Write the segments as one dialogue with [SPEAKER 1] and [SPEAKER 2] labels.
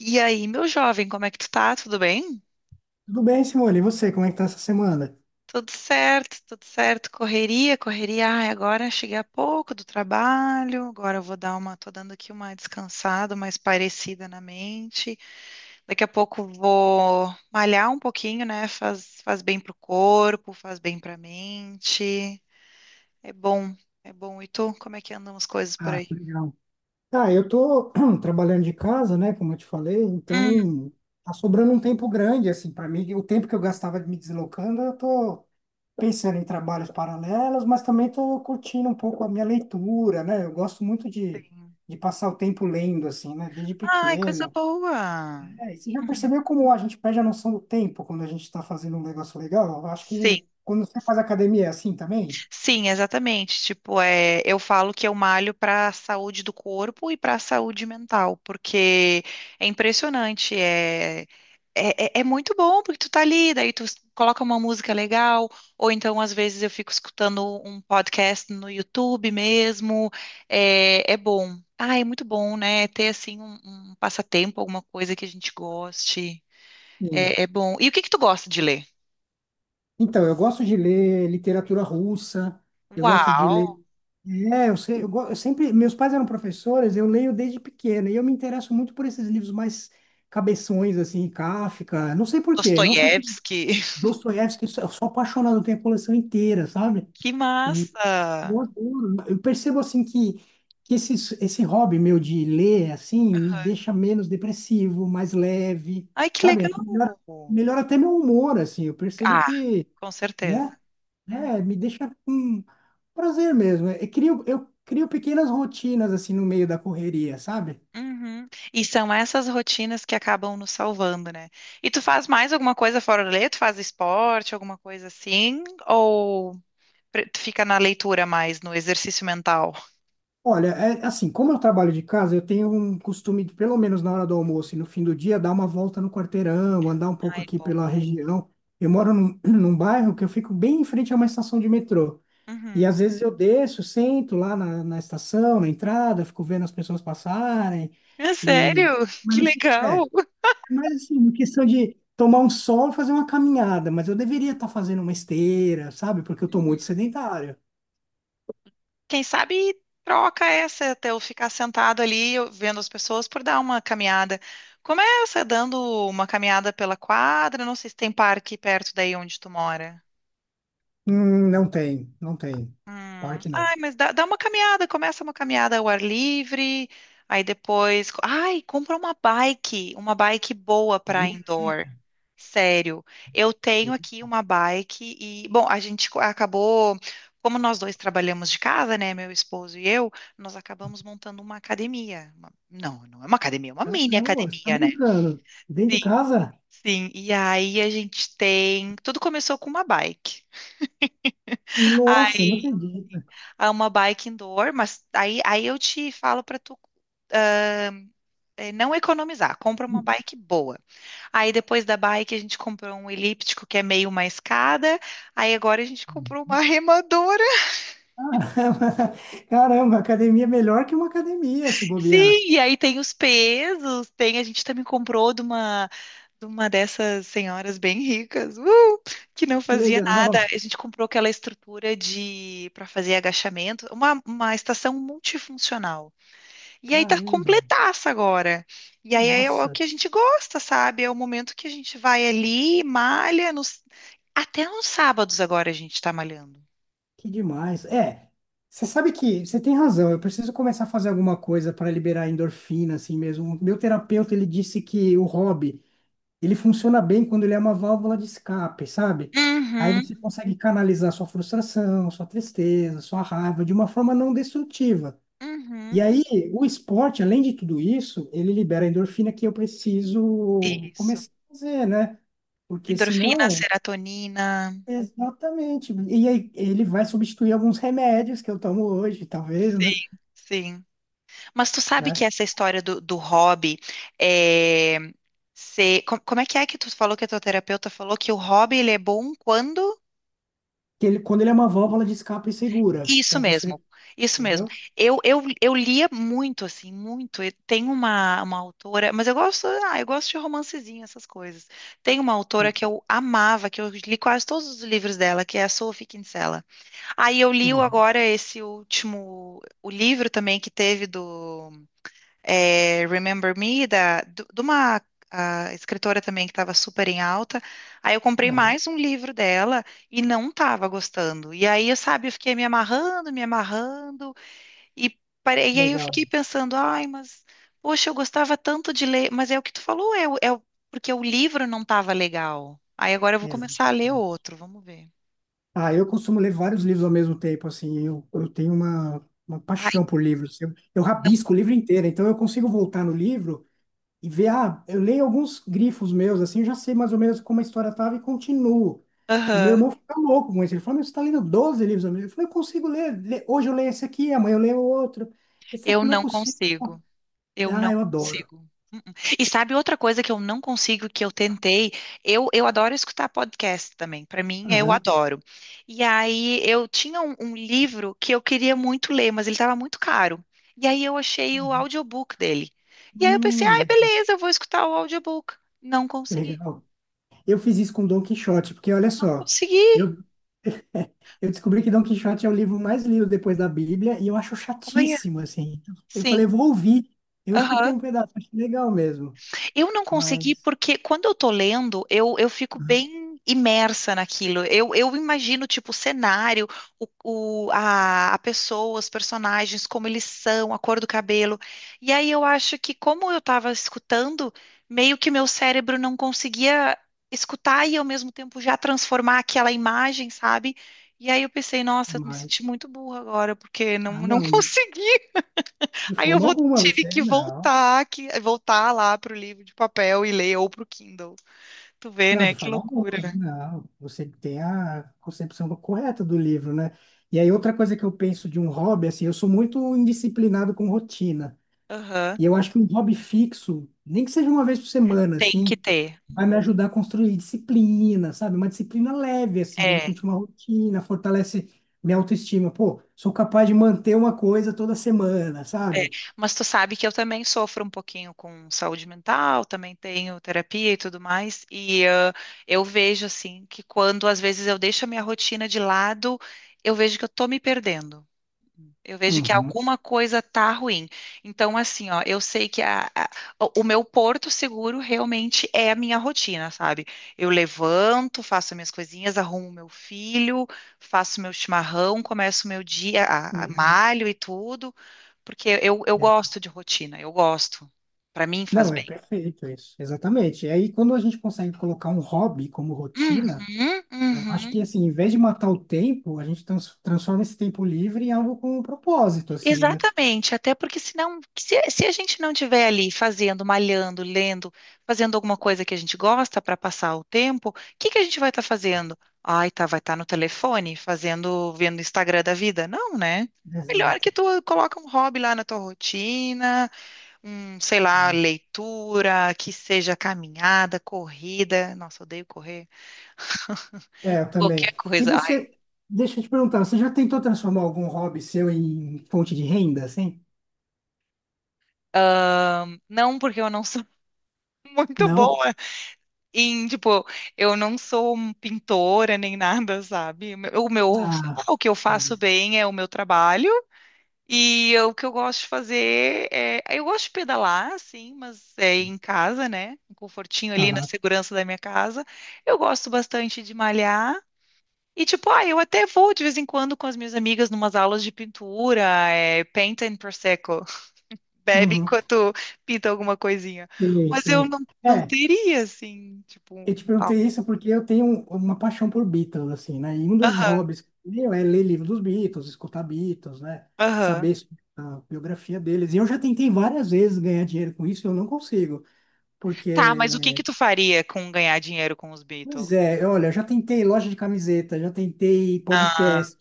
[SPEAKER 1] E aí, meu jovem, como é que tu tá? Tudo bem?
[SPEAKER 2] Tudo bem, Simone? E você, como é que tá essa semana?
[SPEAKER 1] Tudo certo. Correria. Ai, agora cheguei há pouco do trabalho. Agora eu vou dar uma, tô dando aqui uma descansada, mais parecida na mente. Daqui a pouco vou malhar um pouquinho, né? Faz bem pro corpo, faz bem pra mente. É bom, é bom. E tu, como é que andam as coisas por
[SPEAKER 2] Ah,
[SPEAKER 1] aí?
[SPEAKER 2] que legal. Ah, eu tô trabalhando de casa, né, como eu te falei,
[SPEAKER 1] Hum,
[SPEAKER 2] então tá sobrando um tempo grande, assim, para mim. O tempo que eu gastava me deslocando, eu tô pensando em trabalhos paralelos, mas também tô curtindo um pouco a minha leitura, né? Eu gosto muito de,
[SPEAKER 1] sim.
[SPEAKER 2] de passar o tempo lendo, assim, né, desde
[SPEAKER 1] Ai, coisa
[SPEAKER 2] pequeno.
[SPEAKER 1] boa.
[SPEAKER 2] É, e você já
[SPEAKER 1] Uhum.
[SPEAKER 2] percebeu como a gente perde a noção do tempo quando a gente tá fazendo um negócio legal? Eu acho
[SPEAKER 1] Sim,
[SPEAKER 2] que quando você faz academia é assim também?
[SPEAKER 1] sim, exatamente. Tipo, é, eu falo que eu malho para a saúde do corpo e para a saúde mental, porque é impressionante. É muito bom, porque tu tá ali, daí coloca uma música legal, ou então às vezes eu fico escutando um podcast no YouTube mesmo. É, é bom. Ah, é muito bom, né? Ter assim um passatempo, alguma coisa que a gente goste. É, é bom. E o que que tu gosta de ler?
[SPEAKER 2] Então, eu gosto de ler literatura russa, eu gosto de
[SPEAKER 1] Uau!
[SPEAKER 2] ler. É, eu sei, eu sempre. Meus pais eram professores, eu leio desde pequeno, e eu me interesso muito por esses livros mais cabeções, assim, Kafka, não sei por quê, não sei de
[SPEAKER 1] Dostoiévski.
[SPEAKER 2] Dostoiévski, eu sou apaixonado, eu tenho a coleção inteira, sabe?
[SPEAKER 1] Que
[SPEAKER 2] E eu
[SPEAKER 1] massa!
[SPEAKER 2] adoro. Eu percebo, assim, que esse hobby meu de ler, assim, me deixa menos depressivo, mais leve,
[SPEAKER 1] Ai, que legal!
[SPEAKER 2] sabe? Melhora até meu humor, assim, eu percebo
[SPEAKER 1] Ah,
[SPEAKER 2] que,
[SPEAKER 1] com certeza.
[SPEAKER 2] né?
[SPEAKER 1] Uhum.
[SPEAKER 2] É, me deixa com prazer mesmo. Eu crio pequenas rotinas assim no meio da correria, sabe?
[SPEAKER 1] Uhum. E são essas rotinas que acabam nos salvando, né? E tu faz mais alguma coisa fora da lei? Tu faz esporte, alguma coisa assim? Ou tu fica na leitura mais, no exercício mental?
[SPEAKER 2] Olha, é assim, como eu trabalho de casa, eu tenho um costume de, pelo menos na hora do almoço e no fim do dia, dar uma volta no quarteirão, andar um pouco
[SPEAKER 1] Ai, é
[SPEAKER 2] aqui
[SPEAKER 1] bom,
[SPEAKER 2] pela
[SPEAKER 1] né?
[SPEAKER 2] região. Eu moro num, num bairro que eu fico bem em frente a uma estação de metrô. E
[SPEAKER 1] Uhum.
[SPEAKER 2] às vezes eu desço, sento lá na estação, na entrada, fico vendo as pessoas passarem.
[SPEAKER 1] É
[SPEAKER 2] E...
[SPEAKER 1] sério? Que
[SPEAKER 2] Mas assim, é.
[SPEAKER 1] legal!
[SPEAKER 2] Mas assim, uma questão de tomar um sol e fazer uma caminhada, mas eu deveria estar fazendo uma esteira, sabe? Porque eu estou muito sedentário.
[SPEAKER 1] Quem sabe troca essa até eu ficar sentado ali vendo as pessoas por dar uma caminhada. Começa dando uma caminhada pela quadra, não sei se tem parque perto daí onde tu mora.
[SPEAKER 2] Não tem.
[SPEAKER 1] Hum.
[SPEAKER 2] Parque não.
[SPEAKER 1] Ai, mas dá uma caminhada, começa uma caminhada ao ar livre, aí depois, compra uma bike boa para
[SPEAKER 2] Muito...
[SPEAKER 1] indoor. Sério, eu tenho aqui uma bike e, bom, acabou, como nós dois trabalhamos de casa, né, meu esposo e eu, nós acabamos montando uma academia. Não, não é uma academia, é uma
[SPEAKER 2] Ah,
[SPEAKER 1] mini
[SPEAKER 2] não, você tá
[SPEAKER 1] academia, né?
[SPEAKER 2] brincando. Dentro de
[SPEAKER 1] Sim,
[SPEAKER 2] casa?
[SPEAKER 1] sim. E aí a gente tem, tudo começou com uma bike.
[SPEAKER 2] Nossa, não acredito.
[SPEAKER 1] A uma bike indoor, mas aí eu te falo para tu não economizar, compra uma bike boa. Aí depois da bike a gente comprou um elíptico que é meio uma escada, aí agora a gente comprou uma remadora.
[SPEAKER 2] Caramba, caramba, academia é melhor que uma academia, se bobear.
[SPEAKER 1] Sim, e aí tem os pesos, tem, a gente também comprou de uma dessas senhoras bem ricas, que não
[SPEAKER 2] Que
[SPEAKER 1] fazia nada.
[SPEAKER 2] legal.
[SPEAKER 1] A gente comprou aquela estrutura de para fazer agachamento, uma estação multifuncional. E aí tá
[SPEAKER 2] Caramba,
[SPEAKER 1] completaça agora. E aí é o
[SPEAKER 2] nossa.
[SPEAKER 1] que a gente gosta, sabe? É o momento que a gente vai ali, malha, nos... até nos sábados agora a gente tá malhando.
[SPEAKER 2] Que demais. É, você sabe que você tem razão. Eu preciso começar a fazer alguma coisa para liberar endorfina, assim mesmo. O meu terapeuta, ele disse que o hobby, ele funciona bem quando ele é uma válvula de escape, sabe? Aí
[SPEAKER 1] Uhum,
[SPEAKER 2] você consegue canalizar sua frustração, sua tristeza, sua raiva de uma forma não destrutiva.
[SPEAKER 1] uhum.
[SPEAKER 2] E aí, o esporte, além de tudo isso, ele libera a endorfina que eu preciso
[SPEAKER 1] Isso.
[SPEAKER 2] começar a fazer, né? Porque
[SPEAKER 1] Endorfina,
[SPEAKER 2] senão
[SPEAKER 1] serotonina.
[SPEAKER 2] exatamente. E aí ele vai substituir alguns remédios que eu tomo hoje, talvez, né?
[SPEAKER 1] Sim. Mas tu sabe
[SPEAKER 2] Né?
[SPEAKER 1] que essa história do hobby é... Como é que tu falou que a tua terapeuta falou que o hobby ele é bom quando?
[SPEAKER 2] Que ele, quando ele é uma válvula de escape segura.
[SPEAKER 1] Isso
[SPEAKER 2] Então você,
[SPEAKER 1] mesmo, isso mesmo.
[SPEAKER 2] entendeu?
[SPEAKER 1] Eu lia muito, assim, muito. E tem uma autora, mas eu gosto, ah, eu gosto de romancezinho, essas coisas. Tem uma autora
[SPEAKER 2] Hum,
[SPEAKER 1] que eu amava, que eu li quase todos os livros dela, que é a Sophie Kinsella. Aí
[SPEAKER 2] hum.
[SPEAKER 1] agora esse último, o livro também que teve do é, Remember Me, de uma ah, escritora também que estava super em alta. Aí eu comprei
[SPEAKER 2] Aham.
[SPEAKER 1] mais um livro dela e não estava gostando. E aí, eu, sabe, eu fiquei me amarrando, e, parei, e aí eu
[SPEAKER 2] Legal.
[SPEAKER 1] fiquei pensando, ai, mas, poxa, eu gostava tanto de ler, mas é o que tu falou, porque o livro não estava legal. Aí agora eu vou
[SPEAKER 2] Mesmo.
[SPEAKER 1] começar a ler outro, vamos ver.
[SPEAKER 2] Ah, eu costumo ler vários livros ao mesmo tempo, assim. Eu tenho uma paixão
[SPEAKER 1] Ai,
[SPEAKER 2] por livros. Eu rabisco o livro inteiro, então eu consigo voltar no livro e ver, ah, eu leio alguns grifos meus, assim, eu já sei mais ou menos como a história tava e continuo. E meu
[SPEAKER 1] aham,
[SPEAKER 2] irmão fica louco com isso. Ele fala, mas você tá lendo 12 livros ao mesmo tempo? Eu falei, eu consigo ler. Le- hoje eu leio esse aqui, amanhã eu leio outro. Esse é,
[SPEAKER 1] eu
[SPEAKER 2] não é
[SPEAKER 1] não
[SPEAKER 2] possível.
[SPEAKER 1] consigo. Eu
[SPEAKER 2] Ah,
[SPEAKER 1] não
[SPEAKER 2] eu adoro.
[SPEAKER 1] consigo. Mm-mm. E sabe outra coisa que eu não consigo, que eu tentei? Eu adoro escutar podcast também. Para mim, eu
[SPEAKER 2] Aham.
[SPEAKER 1] adoro. E aí, eu tinha um livro que eu queria muito ler, mas ele estava muito caro. E aí, eu achei o audiobook dele. E aí, eu pensei, ai,
[SPEAKER 2] Legal,
[SPEAKER 1] beleza, eu vou escutar o audiobook. Não consegui.
[SPEAKER 2] legal. Eu fiz isso com Dom Quixote, porque olha
[SPEAKER 1] Não
[SPEAKER 2] só,
[SPEAKER 1] consegui.
[SPEAKER 2] eu, eu descobri que Dom Quixote é o livro mais lido depois da Bíblia e eu acho
[SPEAKER 1] Olha,
[SPEAKER 2] chatíssimo, assim. Eu falei, eu
[SPEAKER 1] sim.
[SPEAKER 2] vou ouvir. Eu escutei
[SPEAKER 1] Aham.
[SPEAKER 2] um pedaço, achei legal mesmo.
[SPEAKER 1] Eu não consegui
[SPEAKER 2] Mas,
[SPEAKER 1] porque quando eu tô lendo, eu fico bem imersa naquilo. Eu imagino, tipo, o cenário, o, a pessoa, os personagens, como eles são, a cor do cabelo. E aí eu acho que, como eu tava escutando, meio que meu cérebro não conseguia escutar e ao mesmo tempo já transformar aquela imagem, sabe? E aí eu pensei, nossa, eu me senti
[SPEAKER 2] mas.
[SPEAKER 1] muito burra agora, porque
[SPEAKER 2] Ah,
[SPEAKER 1] não
[SPEAKER 2] não,
[SPEAKER 1] consegui.
[SPEAKER 2] de forma alguma,
[SPEAKER 1] Tive
[SPEAKER 2] você não.
[SPEAKER 1] que, voltar lá pro livro de papel e ler, ou pro Kindle. Tu vê,
[SPEAKER 2] Não,
[SPEAKER 1] né?
[SPEAKER 2] de
[SPEAKER 1] Que
[SPEAKER 2] forma
[SPEAKER 1] loucura.
[SPEAKER 2] alguma, não. Você tem a concepção correta do livro, né? E aí, outra coisa que eu penso de um hobby, assim, eu sou muito indisciplinado com rotina.
[SPEAKER 1] Aham.
[SPEAKER 2] E eu acho que um hobby fixo, nem que seja uma vez por semana,
[SPEAKER 1] Tem que
[SPEAKER 2] assim,
[SPEAKER 1] ter.
[SPEAKER 2] vai me ajudar a construir disciplina, sabe? Uma disciplina leve, assim, de
[SPEAKER 1] É,
[SPEAKER 2] repente uma rotina, fortalece minha autoestima. Pô, sou capaz de manter uma coisa toda semana,
[SPEAKER 1] é.
[SPEAKER 2] sabe?
[SPEAKER 1] Mas tu sabe que eu também sofro um pouquinho com saúde mental, também tenho terapia e tudo mais. E ah, eu vejo, assim, que quando às vezes eu deixo a minha rotina de lado, eu vejo que eu tô me perdendo. Eu vejo que
[SPEAKER 2] Uhum.
[SPEAKER 1] alguma coisa tá ruim. Então, assim, ó, eu sei que o meu porto seguro realmente é a minha rotina, sabe? Eu levanto, faço minhas coisinhas, arrumo meu filho, faço meu chimarrão, começo meu dia,
[SPEAKER 2] Legal.
[SPEAKER 1] malho e tudo, porque eu gosto de rotina, eu gosto. Pra mim faz
[SPEAKER 2] Não, é
[SPEAKER 1] bem.
[SPEAKER 2] perfeito isso, exatamente. E aí, quando a gente consegue colocar um hobby como rotina,
[SPEAKER 1] Uhum,
[SPEAKER 2] eu acho
[SPEAKER 1] uhum.
[SPEAKER 2] que, assim, em vez de matar o tempo, a gente transforma esse tempo livre em algo com um propósito, assim, né?
[SPEAKER 1] Exatamente, até porque senão, se a gente não tiver ali fazendo, malhando, lendo, fazendo alguma coisa que a gente gosta para passar o tempo, o que que a gente vai estar fazendo? Ai, tá, vai estar no telefone, fazendo, vendo o Instagram da vida? Não, né? Melhor que
[SPEAKER 2] Exato.
[SPEAKER 1] tu coloca um hobby lá na tua rotina, um, sei lá,
[SPEAKER 2] Sim.
[SPEAKER 1] leitura, que seja caminhada, corrida. Nossa, odeio correr.
[SPEAKER 2] É, eu
[SPEAKER 1] Qualquer
[SPEAKER 2] também. E
[SPEAKER 1] coisa. Ai,
[SPEAKER 2] você, deixa eu te perguntar, você já tentou transformar algum hobby seu em fonte de renda, assim?
[SPEAKER 1] não, porque eu não sou muito
[SPEAKER 2] Não?
[SPEAKER 1] boa. E, tipo, eu não sou um pintora nem nada, sabe? Sei lá,
[SPEAKER 2] Ah,
[SPEAKER 1] o que eu faço
[SPEAKER 2] entendi.
[SPEAKER 1] bem é o meu trabalho. O que eu gosto de fazer é. Eu gosto de pedalar, sim, mas é em casa, né? Um confortinho ali na
[SPEAKER 2] Aham.
[SPEAKER 1] segurança da minha casa. Eu gosto bastante de malhar. E, tipo, ah, eu até vou de vez em quando com as minhas amigas numas aulas de pintura, é, paint and prosecco. Bebe
[SPEAKER 2] Uhum.
[SPEAKER 1] enquanto pinta alguma coisinha.
[SPEAKER 2] Sim,
[SPEAKER 1] Mas eu
[SPEAKER 2] sim.
[SPEAKER 1] não, não
[SPEAKER 2] É,
[SPEAKER 1] teria, assim,
[SPEAKER 2] eu
[SPEAKER 1] tipo.
[SPEAKER 2] te perguntei isso porque eu tenho uma paixão por Beatles, assim, né? E um dos
[SPEAKER 1] Algo.
[SPEAKER 2] hobbies meu é ler livro dos Beatles, escutar Beatles, né?
[SPEAKER 1] Aham.
[SPEAKER 2] Saber sobre a biografia deles. E eu já tentei várias vezes ganhar dinheiro com isso, e eu não consigo,
[SPEAKER 1] Tá, mas o que que
[SPEAKER 2] porque,
[SPEAKER 1] tu faria com ganhar dinheiro com os Beatles?
[SPEAKER 2] pois é, olha, eu já tentei loja de camiseta, já tentei
[SPEAKER 1] Ah,
[SPEAKER 2] podcast,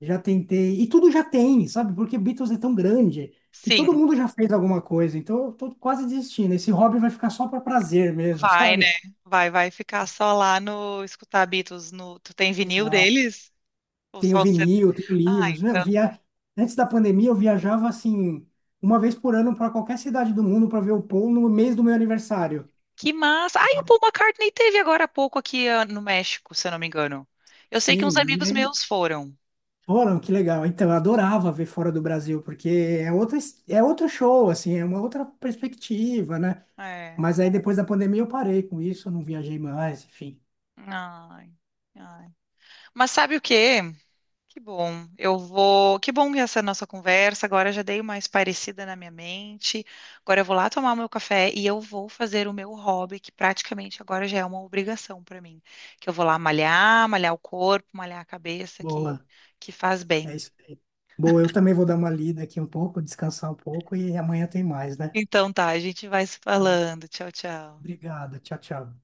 [SPEAKER 2] já tentei, e tudo já tem, sabe? Porque Beatles é tão grande que
[SPEAKER 1] sim,
[SPEAKER 2] todo mundo já fez alguma coisa, então eu tô quase desistindo. Esse hobby vai ficar só para prazer mesmo,
[SPEAKER 1] vai, né?
[SPEAKER 2] sabe?
[SPEAKER 1] Vai, vai ficar só lá no escutar Beatles no. Tu tem vinil
[SPEAKER 2] Exato.
[SPEAKER 1] deles? Ou
[SPEAKER 2] Tenho
[SPEAKER 1] só o CD?
[SPEAKER 2] vinil, tenho
[SPEAKER 1] Ah,
[SPEAKER 2] livros. Né? Eu
[SPEAKER 1] então.
[SPEAKER 2] via... Antes da pandemia, eu viajava assim, uma vez por ano para qualquer cidade do mundo para ver o Paul no mês do meu aniversário.
[SPEAKER 1] Que massa! Ai, o Paul McCartney teve agora há pouco aqui ah, no México, se eu não me engano. Eu sei que uns
[SPEAKER 2] Sim, e
[SPEAKER 1] amigos
[SPEAKER 2] aí
[SPEAKER 1] meus foram.
[SPEAKER 2] foram, que legal. Então, eu adorava ver fora do Brasil, porque é outra, é outro show, assim, é uma outra perspectiva, né?
[SPEAKER 1] É.
[SPEAKER 2] Mas aí depois da pandemia eu parei com isso, eu não viajei mais, enfim.
[SPEAKER 1] Ai, ai. Mas sabe o quê? Que bom. Eu vou. Que bom que essa é a nossa conversa. Agora eu já dei uma parecida na minha mente. Agora eu vou lá tomar o meu café e eu vou fazer o meu hobby, que praticamente agora já é uma obrigação para mim. Que eu vou lá malhar, malhar o corpo, malhar a cabeça,
[SPEAKER 2] Boa,
[SPEAKER 1] que faz
[SPEAKER 2] é
[SPEAKER 1] bem.
[SPEAKER 2] isso aí. Boa, eu também vou dar uma lida aqui um pouco, descansar um pouco e amanhã tem mais, né?
[SPEAKER 1] Então tá, a gente vai se
[SPEAKER 2] Então,
[SPEAKER 1] falando. Tchau, tchau.
[SPEAKER 2] obrigado, tchau, tchau.